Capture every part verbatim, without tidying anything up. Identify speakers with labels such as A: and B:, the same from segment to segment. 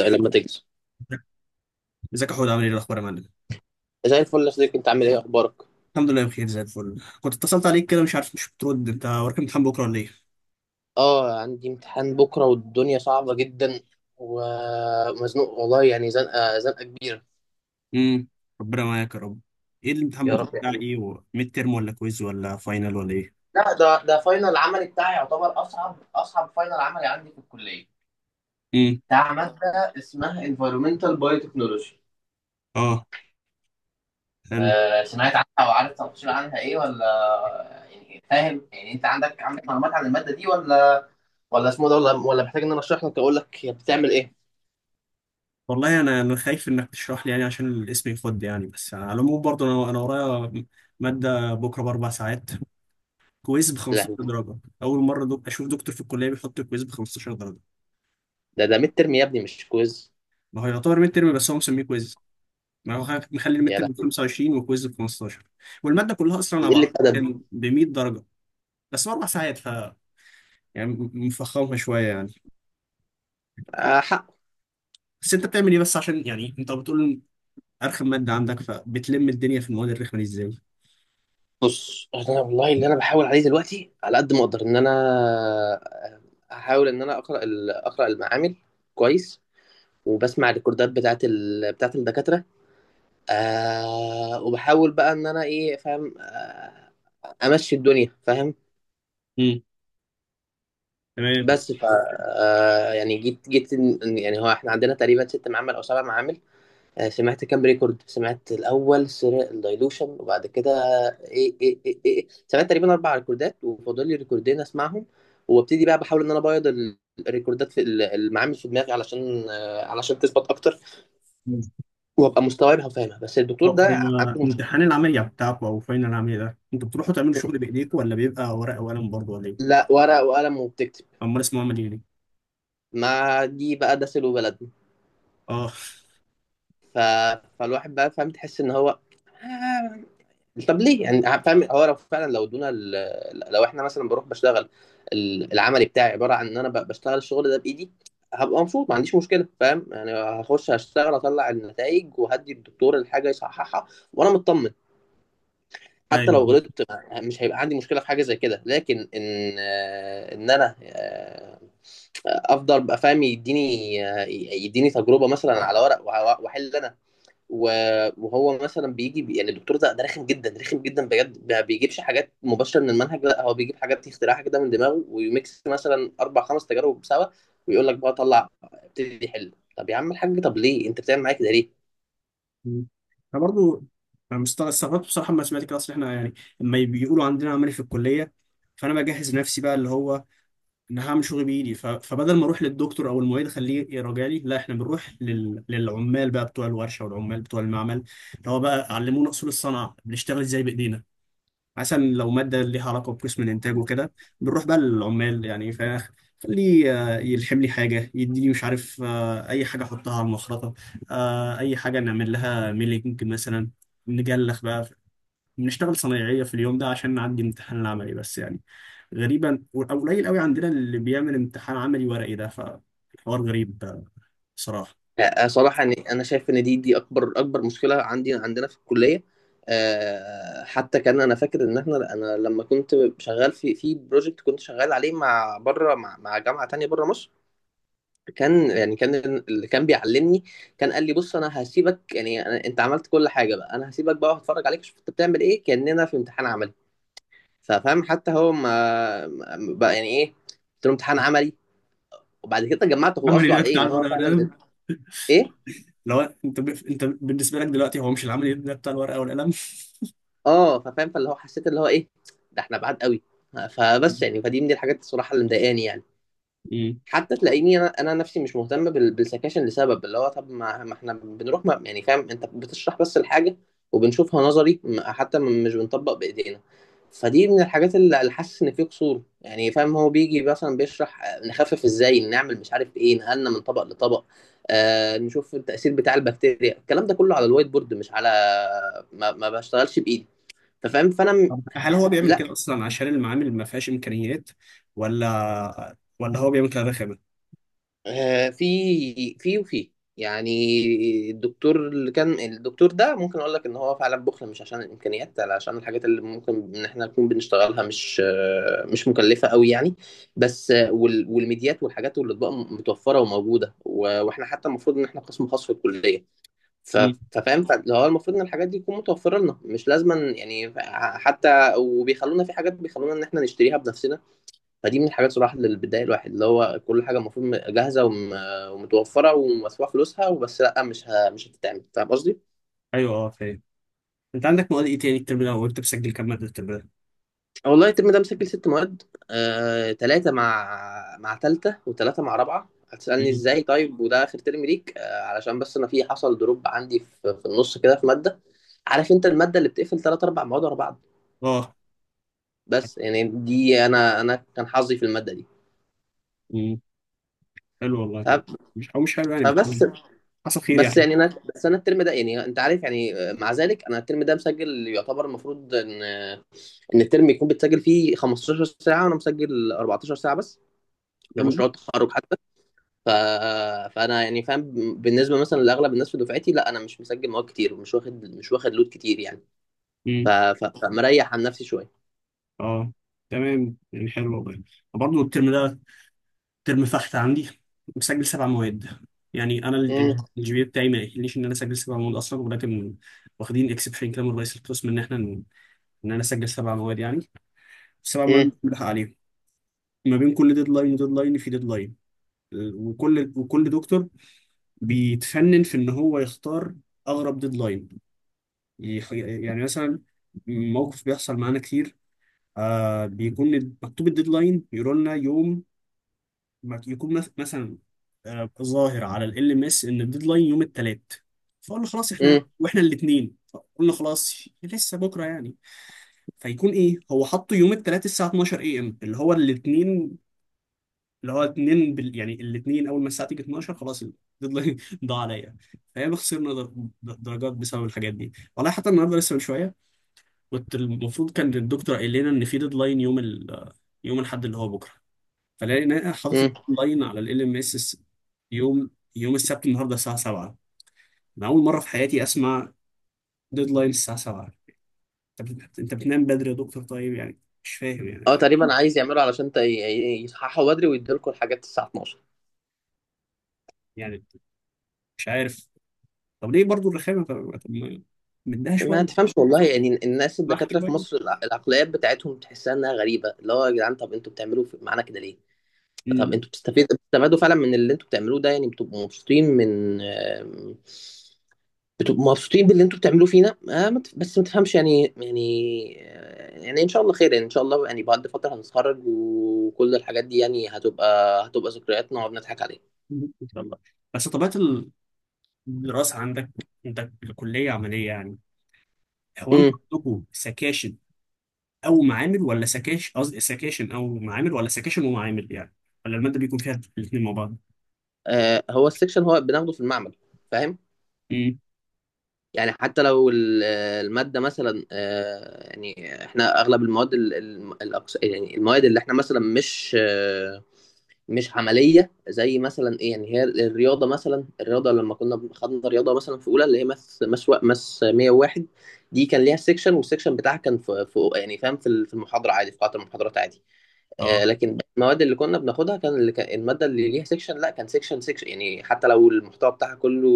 A: لما تكسب
B: ازيك يا حود؟ عامل ايه؟ إيه الاخبار يا معلم؟
A: زي الفل يا صديقي، انت عامل ايه اخبارك؟
B: الحمد لله بخير، زي الفل. كنت اتصلت عليك كده، مش عارف مش بترد. انت وراك امتحان بكره ولا ايه؟
A: اه عندي امتحان بكره والدنيا صعبه جدا ومزنوق والله، يعني زنقه زنقه كبيره.
B: امم ربنا معاك يا رب. ايه الامتحان
A: يا
B: بكره؟
A: رب يا
B: بتاع
A: حبيبي.
B: ايه؟ و- ميد ترم ولا كويز ولا فاينل ولا ايه؟
A: لا، ده ده فاينل عملي بتاعي، يعتبر اصعب اصعب فاينل عملي عندي في الكليه،
B: امم
A: بتاع ماده اسمها environmental biotechnology.
B: اه، حلو.
A: آه، سمعت عنها او عارف تفاصيل عنها ايه ولا؟ يعني فاهم يعني انت عندك عندك معلومات عن الماده دي، ولا ولا اسمه ده، ولا ولا محتاج ان انا اشرح لك اقول لك هي بتعمل ايه؟
B: والله انا انا خايف انك تشرح لي، يعني عشان الاسم يخد يعني. بس على العموم برضه انا انا ورايا ماده بكره باربع ساعات، كويز ب
A: لا،
B: خمستاشر درجه. اول مره دو... اشوف دكتور في الكليه بيحط الكويز ب خمسة عشر درجه.
A: ده ده ميد ترم يا ابني، مش كويز.
B: ما هو يعتبر ميد ترم، بس هو مسميه كويز. ما هو خ- مخلي الميد
A: يا
B: ترم ب
A: لهوي،
B: خمسة وعشرين والكويز ب خمستاشر، والماده كلها اصلا
A: دي
B: على
A: قله
B: بعض
A: ادب.
B: كان ب مية درجه. بس هو اربع ساعات، ف يعني م- مفخمها شويه يعني.
A: آه حق.
B: بس انت بتعمل ايه، بس عشان يعني انت بتقول ارخم ماده عندك، فبتلم الدنيا في المواد الرخمه دي ازاي؟
A: بص، انا والله اللي انا بحاول عليه دلوقتي على قد ما اقدر ان انا، آه، احاول ان انا اقرا ال- اقرا المعامل كويس، وبسمع الريكوردات بتاعت ال... بتاعت الدكاتره، آه، وبحاول بقى ان انا ايه، فاهم، آه، امشي الدنيا فاهم.
B: مم. تمام.
A: بس ف، آه يعني جيت جيت إن- يعني هو احنا عندنا تقريبا ست معامل او سبع معامل. آه، سمعت كام ريكورد، سمعت الاول سرق الدايلوشن، وبعد كده ايه ايه ايه, إيه. إيه. سمعت تقريبا اربع ريكوردات وفاضل لي ريكوردين اسمعهم، وابتدي بقى بحاول ان انا ابيض ال- الريكوردات في ال- المعامل في دماغي، علشان آه، علشان تثبت اكتر،
B: مم.
A: وابقى مستوعبها وفاهمها. بس
B: هو
A: الدكتور ده
B: هو
A: عنده مشكله.
B: امتحان العملية بتاعكم أو فاينل العملية ده أنتوا بتروحوا تعملوا شغل بإيديكم، ولا بيبقى ورقة وقلم برضه، ولا إيه؟
A: لا، ورق وقلم وبتكتب.
B: أمال اسمه عملي ليه؟
A: ما دي بقى ده سلو بلدنا.
B: آه.
A: ف... فالواحد بقى فاهم، تحس ان هو، آه، طب ليه يعني، فاهم، هو لو فعلا لو ادونا ال- لو احنا مثلا بروح بشتغل، ال- العملي بتاعي عباره عن ان انا ب- بشتغل الشغل ده بايدي، هبقى مبسوط، ما عنديش مشكله، فاهم يعني، هخش هشتغل، اطلع النتائج وهدي الدكتور الحاجه يصححها وانا مطمن. حتى لو
B: أيوه.
A: غلطت مش هيبقى عندي مشكله في حاجه زي كده. لكن ان آه، ان انا آه، افضل بقى فاهم، يديني آه، يديني تجربه مثلا على ورق وه- واحل انا، و- وهو مثلا بيجي بي، يعني الدكتور ده ده رخم جدا رخم جدا بجد، ما بيجيبش حاجات مباشره من المنهج، لا هو بيجيب حاجات اختراعها كده من دماغه، ويميكس مثلا اربع خمس تجارب سوا، ويقول لك بقى طلع ابتدي حل. طب يا عم الحاج، طب ليه انت بتعمل معايا كده ليه؟
B: مم. انا برضو انا مست- استغربت بصراحه لما سمعت كده، اصل احنا يعني لما بيقولوا عندنا عملي في الكليه، فانا بجهز نفسي بقى اللي هو ان هعمل شغل بايدي. ف- فبدل ما اروح للدكتور او المعيد خليه يراجع لي، لا احنا بنروح لل... للعمال بقى بتوع الورشه والعمال بتوع المعمل، اللي هو بقى علمونا اصول الصنعه، بنشتغل ازاي بايدينا. مثلا لو مادة ليها علاقة بقسم الإنتاج وكده، بنروح بقى للعمال، يعني فخليه آه، يلحم لي حاجة، يديني مش عارف آه، أي حاجة أحطها على المخرطة، آه، أي حاجة نعمل لها ميلينج مثلا، نجلخ بقى. بنشتغل صنايعية في اليوم ده عشان نعدي امتحان العملي بس يعني. غريبا أو قليل قوي عندنا اللي بيعمل امتحان عملي ورقي ده، فالحوار غريب آه، بصراحة.
A: آه، صراحه يعني انا شايف ان دي دي اكبر اكبر مشكله عندي عندنا في الكليه. آه، حتى كان انا فاكر ان احنا، انا لما كنت شغال في في بروجكت كنت شغال عليه مع بره، مع مع جامعه تانية بره مصر، كان يعني كان اللي كان بيعلمني كان قال لي بص، انا هسيبك، يعني أنا، انت عملت كل حاجه بقى، انا هسيبك بقى وهتفرج عليك شوف انت بتعمل ايه، كاننا في امتحان عملي. ففاهم حتى هو ما ما- بقى يعني ايه، قلت له امتحان عملي، وبعد كده جمعت هو قصده
B: العملي ده
A: على ايه،
B: بتاع
A: ان هو
B: الورقة
A: فعلا
B: والقلم؟
A: ايه،
B: لو انت ب... انت بالنسبة لك دلوقتي هو مش العملي ده بتاع الورقة والقلم.
A: اه ففاهم، فاللي هو حسيت اللي هو ايه، ده احنا بعاد قوي. فبس يعني فدي من دي الحاجات الصراحه اللي مضايقاني يعني.
B: مم.
A: حتى تلاقيني انا انا نفسي مش مهتم بال- بالسكاشن، لسبب اللي هو طب ما, ما احنا بنروح، ما يعني فاهم، انت بتشرح بس الحاجه وبنشوفها نظري، م- حتى م- مش بنطبق بايدينا. فدي من الحاجات اللي اللي حاسس ان في قصور، يعني فاهم، هو بيجي مثلا بيشرح آه، نخفف ازاي، نعمل مش عارف ايه، نقلنا من طبق لطبق، آه نشوف التاثير بتاع البكتيريا، الكلام ده كله على الوايت بورد، مش على، ما, ما بشتغلش بايدي. ففاهم فانا م-
B: طب هل هو بيعمل
A: لا،
B: كده اصلا عشان المعامل ما فيهاش امكانيات، ولا ولا هو بيعمل كده رخامه؟
A: آه، في، في وفي يعني الدكتور اللي كان الدكتور ده ممكن اقول لك ان هو فعلا بخل، مش عشان الامكانيات، لا عشان الحاجات اللي ممكن ان احنا نكون بنشتغلها مش آه، مش مكلفه قوي يعني. بس آه، وال- والميديات والحاجات والاطباق متوفره وموجوده، و- واحنا حتى المفروض ان احنا قسم خاص في الكليه. ف-
B: مم.
A: ففاهم فاللي هو المفروض ان الحاجات دي تكون متوفره لنا مش لازما يعني، ح- حتى وبيخلونا في حاجات، بيخلونا ان احنا نشتريها بنفسنا. فدي من الحاجات صراحة اللي بتضايق الواحد، اللي هو كل حاجة المفروض م- جاهزة وم- ومتوفرة ومدفوع فلوسها، وبس لأ مش ه... مش هتتعمل. فاهم قصدي؟
B: ايوه، اه فاهم. انت عندك مواد ايه تاني الترم ده، وانت بتسجل كام ماده الترم ده؟
A: والله الترم ده مسجل ست مواد. آه، تلاتة مع، مع تالتة، وتلاتة مع رابعة. هتسألني
B: مم.
A: ازاي طيب وده آخر ترم ليك؟ آه، علشان بس أنا في، حصل دروب عندي في, في النص كده في مادة. عارف أنت المادة اللي بتقفل تلات أربع مواد ورا بعض،
B: اه.
A: بس يعني دي، أنا أنا كان حظي في المادة دي.
B: مم. حلو والله
A: ف-
B: يعني. مش او مش حلو يعني، بت-
A: فبس،
B: مم. حصل خير
A: بس
B: يعني.
A: يعني انا، بس انا الترم ده يعني انت عارف، يعني مع ذلك انا الترم ده مسجل يعتبر، المفروض ان ان الترم يكون بتسجل فيه خمستاشر ساعه، وانا مسجل اربعتاشر ساعه بس، ده
B: تمام.
A: مشروع التخرج حتى. ف... فانا يعني فاهم بالنسبه مثلا لاغلب الناس في دفعتي، لا انا مش مسجل مواد كتير ومش واخد، مش واخد لود كتير يعني. ف...
B: مم.
A: ف... فمريح عن نفسي شويه.
B: اه، تمام يعني، حلو والله. برضه الترم ده ترم فحت عندي، مسجل سبع مواد. يعني انا
A: امم
B: الجي بي إيه بتاعي ما يخليش ان انا اسجل سبع مواد اصلا، ولكن واخدين اكسبشن كده من رئيس القسم ان احنا ان انا اسجل سبع مواد يعني. بس طبعا ما
A: امم
B: بنلحق عليهم، ما بين كل ديدلاين وديدلاين في ديدلاين. وكل وكل دكتور بيتفنن في ان هو يختار اغرب ديدلاين. يح- يعني مثلا موقف بيحصل معانا كتير، آه بيكون مكتوب الديدلاين، يقولوا لنا يوم ما- يكون مث- مثلا آه ظاهر على ال ام اس ان الديدلاين يوم الثلاث، فقلنا خلاص احنا،
A: امم
B: واحنا الاثنين قلنا خلاص لسه بكره يعني. فيكون ايه، هو حطه يوم الثلاث الساعه اتناشر اي ام اللي هو الاثنين، اللي هو اتنين بال... يعني الاتنين اول ما الساعه تيجي اتناشر خلاص الديدلاين ضاع عليا. فياما خسرنا در... د- درجات بسبب الحاجات دي. والله حتى النهارده لسه من شويه كنت المفروض، كان الدكتور قايل لنا ان في ديدلاين يوم ال... يوم الاحد اللي هو بكره، فلقينا حاطط
A: امم
B: الديدلاين على ال ام اس يوم يوم السبت النهارده الساعه السابعة. انا اول مره في حياتي اسمع ديدلاين الساعه السابعة. انت بت... انت بتنام بدري يا دكتور طيب يعني، مش فاهم يعني.
A: اه تقريبا عايز يعملوا علشان ت- ي- ي- يصححوا بدري ويدوا لكم الحاجات الساعه الاتناشر.
B: يعني مش عارف طب ليه برضو الرخامه؟ طب، طب ما- مديها
A: ما
B: شويه
A: تفهمش والله يعني، الناس
B: راح
A: الدكاترة في
B: شويه.
A: مصر الع- العقليات بتاعتهم تحسها انها غريبة، اللي هو يا جدعان، طب انتوا بتعملوا في- معانا كده ليه؟ طب
B: مم.
A: انتوا بتستفيد، بتستفادوا فعلا من اللي انتوا بتعملوه ده يعني؟ بتبقوا مبسوطين من آم، بتبقوا مبسوطين باللي انتوا بتعملوه فينا؟ آه، ما تف- بس ما تفهمش يعني يعني آه، يعني ان شاء الله خير يعني، ان شاء الله يعني بعد فترة هنتخرج، وكل الحاجات دي يعني هتبقى، هتبقى ذكريات نقعد نضحك عليها.
B: ان شاء الله. بس طبيعه الدراسه عندك، عندك الكليه عمليه يعني؟ هو انتوا
A: امم.
B: عندكم سكاشن او معامل ولا سكاش، قصدي سكاشن او معامل ولا سكاشن ومعامل يعني، ولا الماده بيكون فيها الاثنين مع بعض؟
A: آه، هو السكشن هو بناخده في المعمل. فاهم؟
B: امم
A: يعني حتى لو ال- المادة مثلا، آه، يعني احنا اغلب المواد ال- ال- الأقس- يعني المواد اللي احنا مثلا مش آه، مش عملية، زي مثلا ايه يعني، هي الرياضة مثلا، الرياضة لما كنا خدنا رياضة مثلا في اولى اللي هي ماس ماس وا- ماس مية وواحد، دي كان ليها سيكشن، والسيكشن بتاعها كان في في- يعني فاهم في ال- في المحاضرة عادي، في قاعة المحاضرات عادي. آه،
B: اه.
A: لكن المواد اللي كنا بناخدها، كان اللي كان الماده اللي ليها سيكشن لا، كان سيكشن سيكشن يعني حتى لو المحتوى بتاعها كله،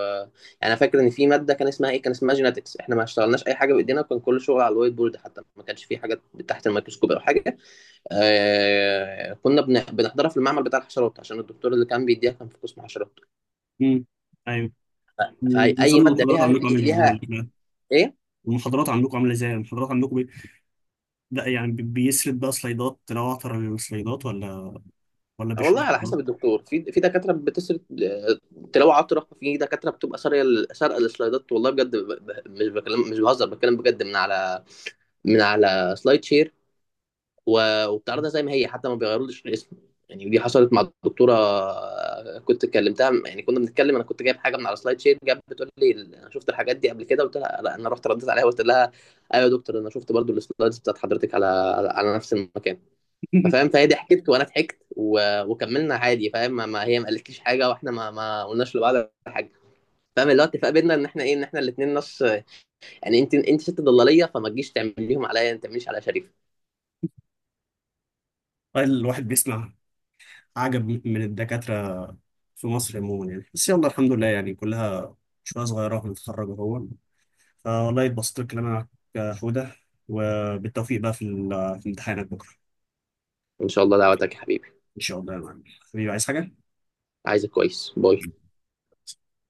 A: آه، يعني انا فاكر ان في ماده كان اسمها ايه، كان اسمها جيناتكس، احنا ما اشتغلناش اي حاجه بايدينا، وكان كل شغل على الوايت بورد، حتى ما كانش في حاجات تحت الميكروسكوب او حاجه. آه، كنا بن- بنحضرها في المعمل بتاع الحشرات عشان الدكتور اللي كان بيديها كان في قسم حشرات.
B: امم ايوه.
A: ف- فاي، أي
B: ونظام
A: ماده
B: المحاضرات
A: ليها،
B: عندكم عامل
A: ليها
B: ازاي بقى؟
A: ايه.
B: المحاضرات عندكم عامله ازاي؟ المحاضرات عندكم بي... ده يعني بي- بيسرد بقى سلايدات، لو اعتبر السلايدات، ولا ولا
A: والله
B: بيشرح
A: على
B: برضه؟
A: حسب الدكتور، في في دكاتره بتسرق، آه، تلاوه عطره، في دكاتره بتبقى ساريه ال- سارقه السلايدات، والله بجد، ب- ب- مش بكلم، مش بهزر، بتكلم بجد، من على من على سلايد شير، و- وبتعرضها زي ما هي، حتى ما بيغيرولش الاسم. يعني دي حصلت مع الدكتوره، آه، كنت كلمتها يعني كنا بنتكلم، انا كنت جايب حاجه من على سلايد شير، جاب بتقول لي ال- انا شفت الحاجات دي قبل كده، قلت لها لا، انا رحت رديت عليها وقلت لها ايوه يا دكتور، انا شفت برضو السلايدز بتاعت حضرتك على على على نفس المكان. فاهم، فهي ضحكت وانا ضحكت و... وكملنا عادي. فاهم ما ما- هي ما قالتليش حاجه، واحنا ما ما قلناش لبعض حاجه. فاهم، اللي هو اتفاق بينا ان احنا ايه، ان احنا الاثنين نص، يعني انت انت ست ضلاليه، فما تجيش تعمليهم عليا، انت تعمليش على شريف.
B: الواحد بيسمع عجب من الدكاترة في مصر عموما يعني. بس يلا الحمد لله يعني، كلها شوية صغيرة ونتخرج أهو. فوالله اتبسطت بالكلام معاك يا حودة، وبالتوفيق بقى في ال- في امتحانك بكرة.
A: ان شاء الله دعوتك يا حبيبي.
B: إن شاء الله يا معلم. حبيبي عايز حاجة؟
A: عايزك كويس، باي.